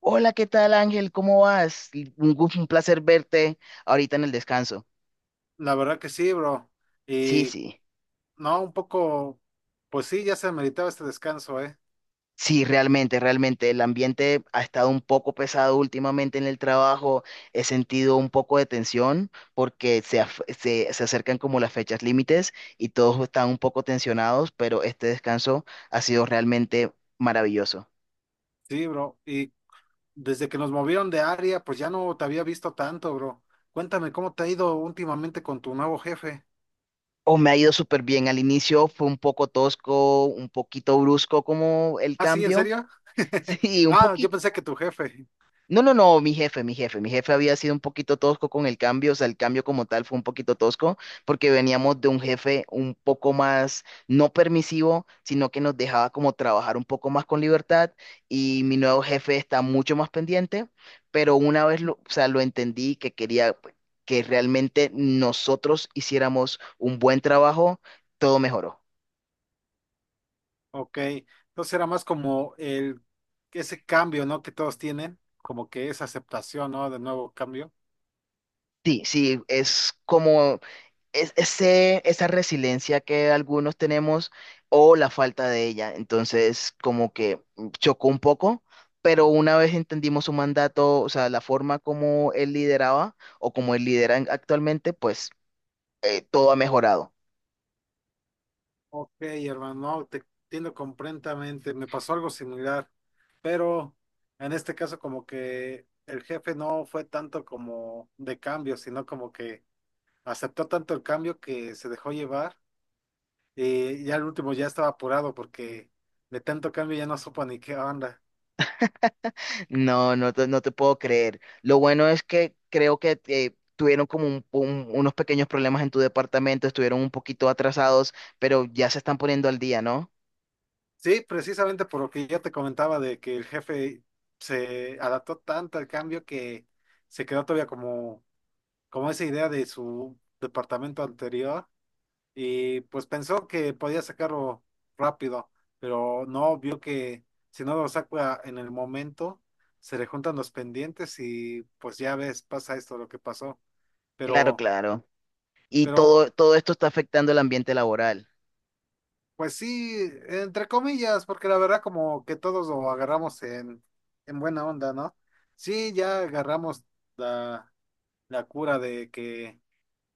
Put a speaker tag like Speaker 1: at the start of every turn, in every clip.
Speaker 1: Hola, ¿qué tal, Ángel? ¿Cómo vas? Un placer verte ahorita en el descanso.
Speaker 2: La verdad que sí, bro.
Speaker 1: Sí,
Speaker 2: Y
Speaker 1: sí,
Speaker 2: no, un poco, pues sí, ya se meditaba este descanso, ¿eh?
Speaker 1: sí, realmente. El ambiente ha estado un poco pesado últimamente en el trabajo. He sentido un poco de tensión porque se acercan como las fechas límites y todos están un poco tensionados, pero este descanso ha sido realmente maravilloso.
Speaker 2: Sí, bro. Y desde que nos movieron de área, pues ya no te había visto tanto, bro. Cuéntame, ¿cómo te ha ido últimamente con tu nuevo jefe?
Speaker 1: O me ha ido súper bien. Al inicio fue un poco tosco, un poquito brusco como el
Speaker 2: Ah, sí, ¿en
Speaker 1: cambio.
Speaker 2: serio?
Speaker 1: Sí, un
Speaker 2: Ah, yo
Speaker 1: poquito.
Speaker 2: pensé que tu jefe.
Speaker 1: No, no, no, mi jefe había sido un poquito tosco con el cambio, o sea, el cambio como tal fue un poquito tosco porque veníamos de un jefe un poco más no permisivo, sino que nos dejaba como trabajar un poco más con libertad y mi nuevo jefe está mucho más pendiente, pero una vez lo, o sea, lo entendí que quería pues, que realmente nosotros hiciéramos un buen trabajo, todo mejoró.
Speaker 2: Ok. Entonces era más como ese cambio, ¿no? Que todos tienen, como que esa aceptación, ¿no? De nuevo cambio.
Speaker 1: Sí, sí, es como ese, esa resiliencia que algunos tenemos o la falta de ella. Entonces, como que chocó un poco, pero una vez entendimos su mandato, o sea, la forma como él lideraba o como él lidera actualmente, pues todo ha mejorado.
Speaker 2: Ok, hermano, no, te entiendo completamente. Me pasó algo similar, pero en este caso como que el jefe no fue tanto como de cambio, sino como que aceptó tanto el cambio que se dejó llevar y ya el último ya estaba apurado porque de tanto cambio ya no supo ni qué onda.
Speaker 1: No, no te puedo creer. Lo bueno es que creo que... tuvieron como unos pequeños problemas en tu departamento, estuvieron un poquito atrasados, pero ya se están poniendo al día, ¿no?
Speaker 2: Sí, precisamente por lo que ya te comentaba de que el jefe se adaptó tanto al cambio que se quedó todavía como, como esa idea de su departamento anterior y pues pensó que podía sacarlo rápido, pero no, vio que si no lo saca en el momento, se le juntan los pendientes y pues ya ves, pasa esto lo que pasó.
Speaker 1: Claro,
Speaker 2: Pero,
Speaker 1: claro. Y
Speaker 2: pero,
Speaker 1: todo esto está afectando el ambiente laboral.
Speaker 2: pues sí, entre comillas, porque la verdad como que todos lo agarramos en buena onda, ¿no? Sí, ya agarramos la, la cura de que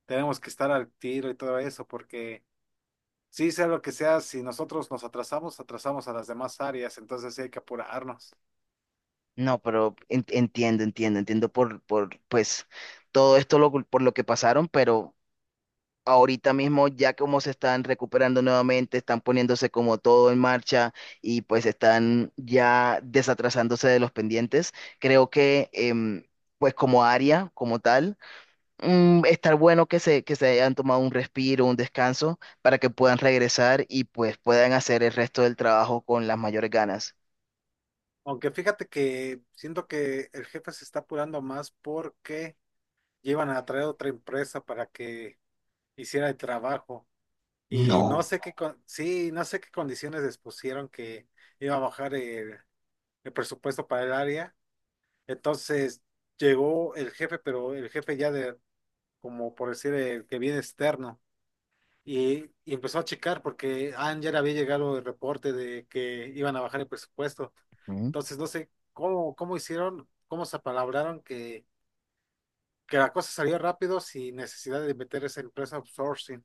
Speaker 2: tenemos que estar al tiro y todo eso, porque sí, sea lo que sea, si nosotros nos atrasamos, atrasamos a las demás áreas, entonces sí hay que apurarnos.
Speaker 1: No, pero entiendo, entiendo pues, todo esto lo, por lo que pasaron, pero ahorita mismo ya como se están recuperando nuevamente, están poniéndose como todo en marcha y pues están ya desatrasándose de los pendientes, creo que, pues como área, como tal, estar bueno que se hayan tomado un respiro, un descanso, para que puedan regresar y pues puedan hacer el resto del trabajo con las mayores ganas.
Speaker 2: Aunque fíjate que siento que el jefe se está apurando más porque llevan a traer otra empresa para que hiciera el trabajo. Y no
Speaker 1: No.
Speaker 2: sé qué sí, no sé qué condiciones les pusieron que iba a bajar el presupuesto para el área. Entonces llegó el jefe, pero el jefe ya de, como por decir, el que viene externo. Y empezó a checar porque Anger había llegado el reporte de que iban a bajar el presupuesto.
Speaker 1: Ujú.
Speaker 2: Entonces, no sé cómo hicieron, cómo se apalabraron que la cosa salió rápido sin necesidad de meter esa empresa outsourcing.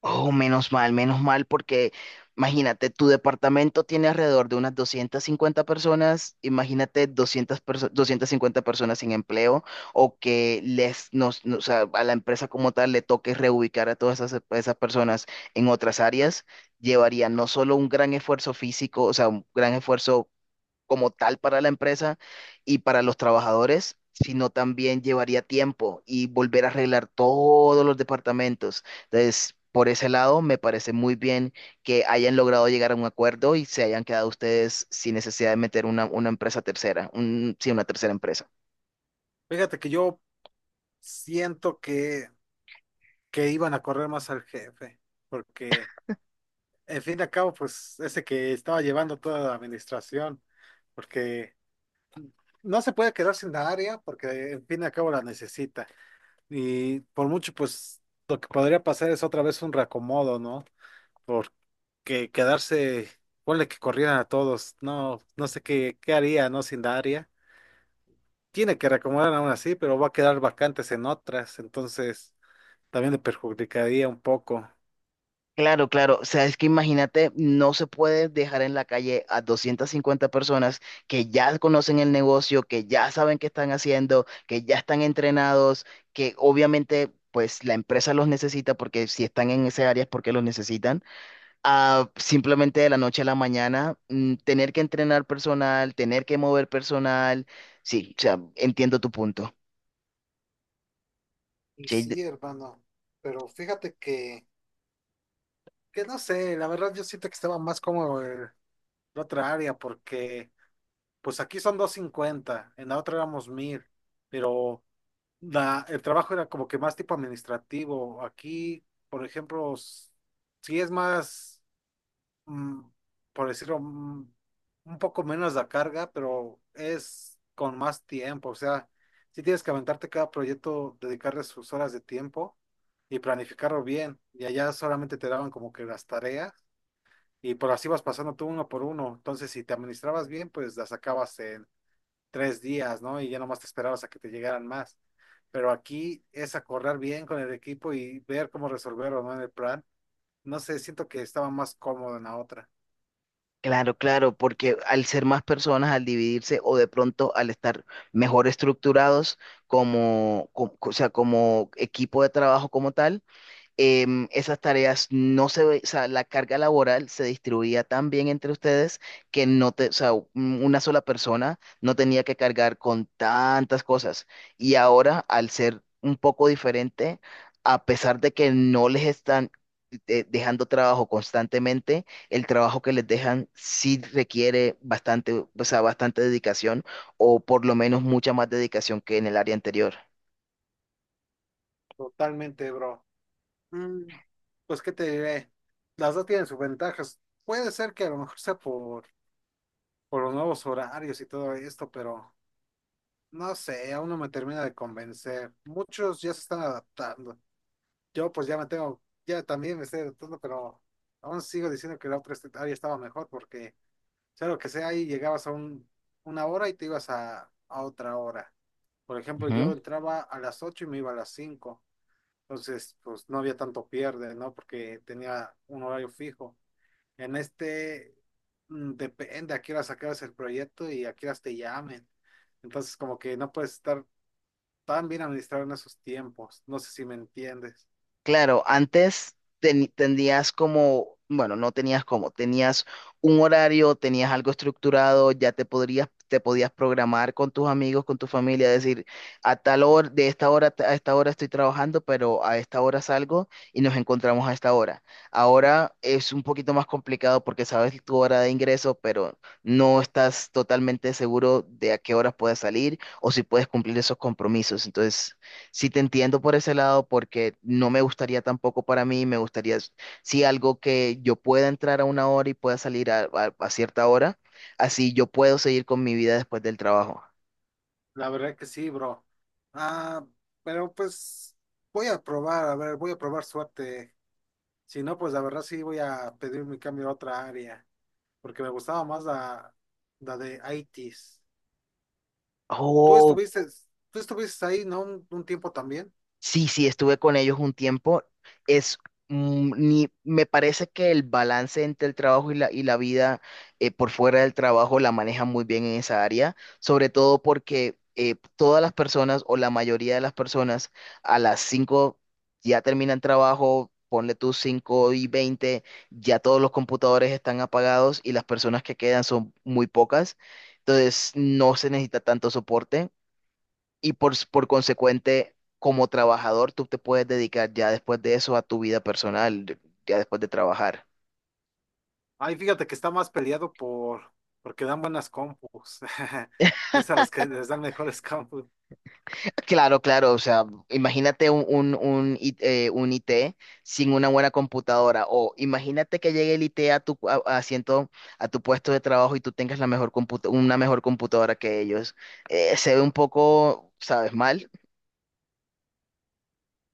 Speaker 1: Oh, menos mal, porque imagínate, tu departamento tiene alrededor de unas 250 personas, imagínate 250 personas sin empleo o que les, nos, no, o sea, a la empresa como tal le toque reubicar a esas personas en otras áreas, llevaría no solo un gran esfuerzo físico, o sea, un gran esfuerzo como tal para la empresa y para los trabajadores, sino también llevaría tiempo y volver a arreglar todos los departamentos. Entonces, por ese lado, me parece muy bien que hayan logrado llegar a un acuerdo y se hayan quedado ustedes sin necesidad de meter una empresa tercera, sí, una tercera empresa.
Speaker 2: Fíjate que yo siento que iban a correr más al jefe, porque en fin de cabo, pues ese que estaba llevando toda la administración, porque no se puede quedar sin la área, porque en fin de cabo la necesita. Y por mucho, pues lo que podría pasar es otra vez un reacomodo, ¿no? Porque quedarse, ponle que corrieran a todos, no, no sé qué, qué haría, ¿no? Sin Daria. Tiene que reacomodar aún así, pero va a quedar vacantes en otras, entonces también le perjudicaría un poco.
Speaker 1: Claro, claro. O sea, es que imagínate, no se puede dejar en la calle a 250 personas que ya conocen el negocio, que ya saben qué están haciendo, que ya están entrenados, que obviamente, pues la empresa los necesita porque si están en esa área es porque los necesitan. A simplemente de la noche a la mañana, tener que entrenar personal, tener que mover personal. Sí, o sea, entiendo tu punto.
Speaker 2: Y
Speaker 1: Sí,
Speaker 2: sí, hermano, pero fíjate que no sé, la verdad yo siento que estaba más cómodo la otra área, porque pues aquí son 250, en la otra éramos 1000. Pero la, el trabajo era como que más tipo administrativo. Aquí, por ejemplo, sí es más, mm, por decirlo, un poco menos la carga, pero es con más tiempo. O sea, sí tienes que aventarte cada proyecto, dedicarle sus horas de tiempo y planificarlo bien. Y allá solamente te daban como que las tareas y por así vas pasando tú uno por uno. Entonces, si te administrabas bien, pues las sacabas en 3 días, ¿no? Y ya nomás te esperabas a que te llegaran más. Pero aquí es acordar bien con el equipo y ver cómo resolverlo, ¿no? En el plan. No sé, siento que estaba más cómodo en la otra.
Speaker 1: claro, claro, porque al ser más personas, al dividirse o de pronto al estar mejor estructurados como, o sea, como equipo de trabajo como tal, esas tareas no se, ve- o sea, la carga laboral se distribuía tan bien entre ustedes que no te, o sea, una sola persona no tenía que cargar con tantas cosas. Y ahora, al ser un poco diferente, a pesar de que no les están dejando trabajo constantemente, el trabajo que les dejan sí requiere bastante, o sea, bastante dedicación o por lo menos mucha más dedicación que en el área anterior.
Speaker 2: Totalmente, bro. Mm, pues, ¿qué te diré? Las dos tienen sus ventajas. Puede ser que a lo mejor sea por los nuevos horarios y todo esto, pero no sé, aún no me termina de convencer. Muchos ya se están adaptando. Yo pues ya me tengo, ya también me estoy adaptando, pero aún sigo diciendo que la otra área estaba mejor porque sea lo que sea, ahí llegabas a un, una hora y te ibas a otra hora. Por ejemplo, yo entraba a las 8 y me iba a las 5, entonces pues no había tanto pierde, ¿no? Porque tenía un horario fijo. En este depende a qué horas sacabas el proyecto y a qué horas te llamen. Entonces como que no puedes estar tan bien administrado en esos tiempos. No sé si me entiendes.
Speaker 1: Claro, antes tenías como, bueno, no tenías como, tenías un horario, tenías algo estructurado, ya te podías programar con tus amigos, con tu familia, decir, a tal hora, de esta hora a esta hora estoy trabajando, pero a esta hora salgo y nos encontramos a esta hora. Ahora es un poquito más complicado porque sabes tu hora de ingreso, pero no estás totalmente seguro de a qué horas puedes salir o si puedes cumplir esos compromisos. Entonces sí te entiendo por ese lado porque no me gustaría tampoco para mí, me gustaría sí algo que yo pueda entrar a una hora y pueda salir a, a cierta hora, así yo puedo seguir con mi vida después del trabajo.
Speaker 2: La verdad que sí, bro. Ah, pero pues voy a probar, a ver, voy a probar suerte. Si no, pues la verdad sí voy a pedir mi cambio a otra área, porque me gustaba más la, la de ITs. Tú estuviste, tú estuviste ahí, ¿no? Un tiempo también.
Speaker 1: Sí, sí, estuve con ellos un tiempo. Es, mm, ni, me parece que el balance entre el trabajo y la vida por fuera del trabajo la manejan muy bien en esa área, sobre todo porque todas las personas o la mayoría de las personas a las 5 ya terminan trabajo, ponle tus 5:20, ya todos los computadores están apagados y las personas que quedan son muy pocas, entonces no se necesita tanto soporte y por consecuente, como trabajador, tú te puedes dedicar ya después de eso a tu vida personal, ya después de trabajar.
Speaker 2: Ay, fíjate que está más peleado porque dan buenas compus. Es a las que les dan mejores compus.
Speaker 1: Claro, claro, o sea, imagínate un IT sin una buena computadora o imagínate que llegue el IT a tu a asiento, a tu puesto de trabajo y tú tengas la una mejor computadora que ellos. Se ve un poco, ¿sabes? Mal.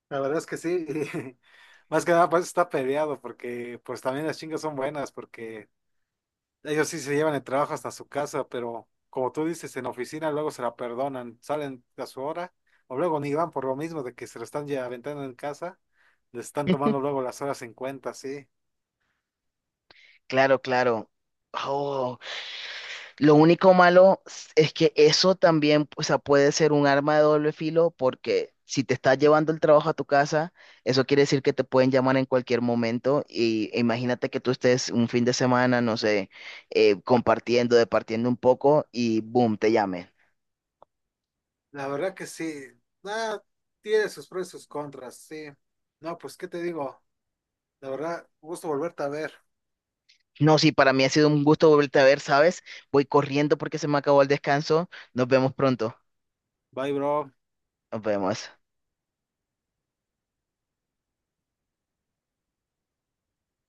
Speaker 2: La verdad es que sí. Más que nada, pues está peleado, porque pues también las chingas son buenas, porque ellos sí se llevan el trabajo hasta su casa, pero como tú dices, en oficina luego se la perdonan, salen a su hora, o luego ni van por lo mismo de que se lo están ya aventando en casa, les están tomando luego las horas en cuenta, sí.
Speaker 1: Claro, claro. Oh, lo único malo es que eso también, o sea, puede ser un arma de doble filo porque si te estás llevando el trabajo a tu casa, eso quiere decir que te pueden llamar en cualquier momento y e imagínate que tú estés un fin de semana, no sé, departiendo un poco y boom, te llamen.
Speaker 2: La verdad que sí, nada, tiene sus pros y sus contras, sí. No, pues, ¿qué te digo? La verdad, gusto volverte a ver.
Speaker 1: No, sí, para mí ha sido un gusto volverte a ver, ¿sabes? Voy corriendo porque se me acabó el descanso. Nos vemos pronto.
Speaker 2: Bye, bro.
Speaker 1: Nos vemos.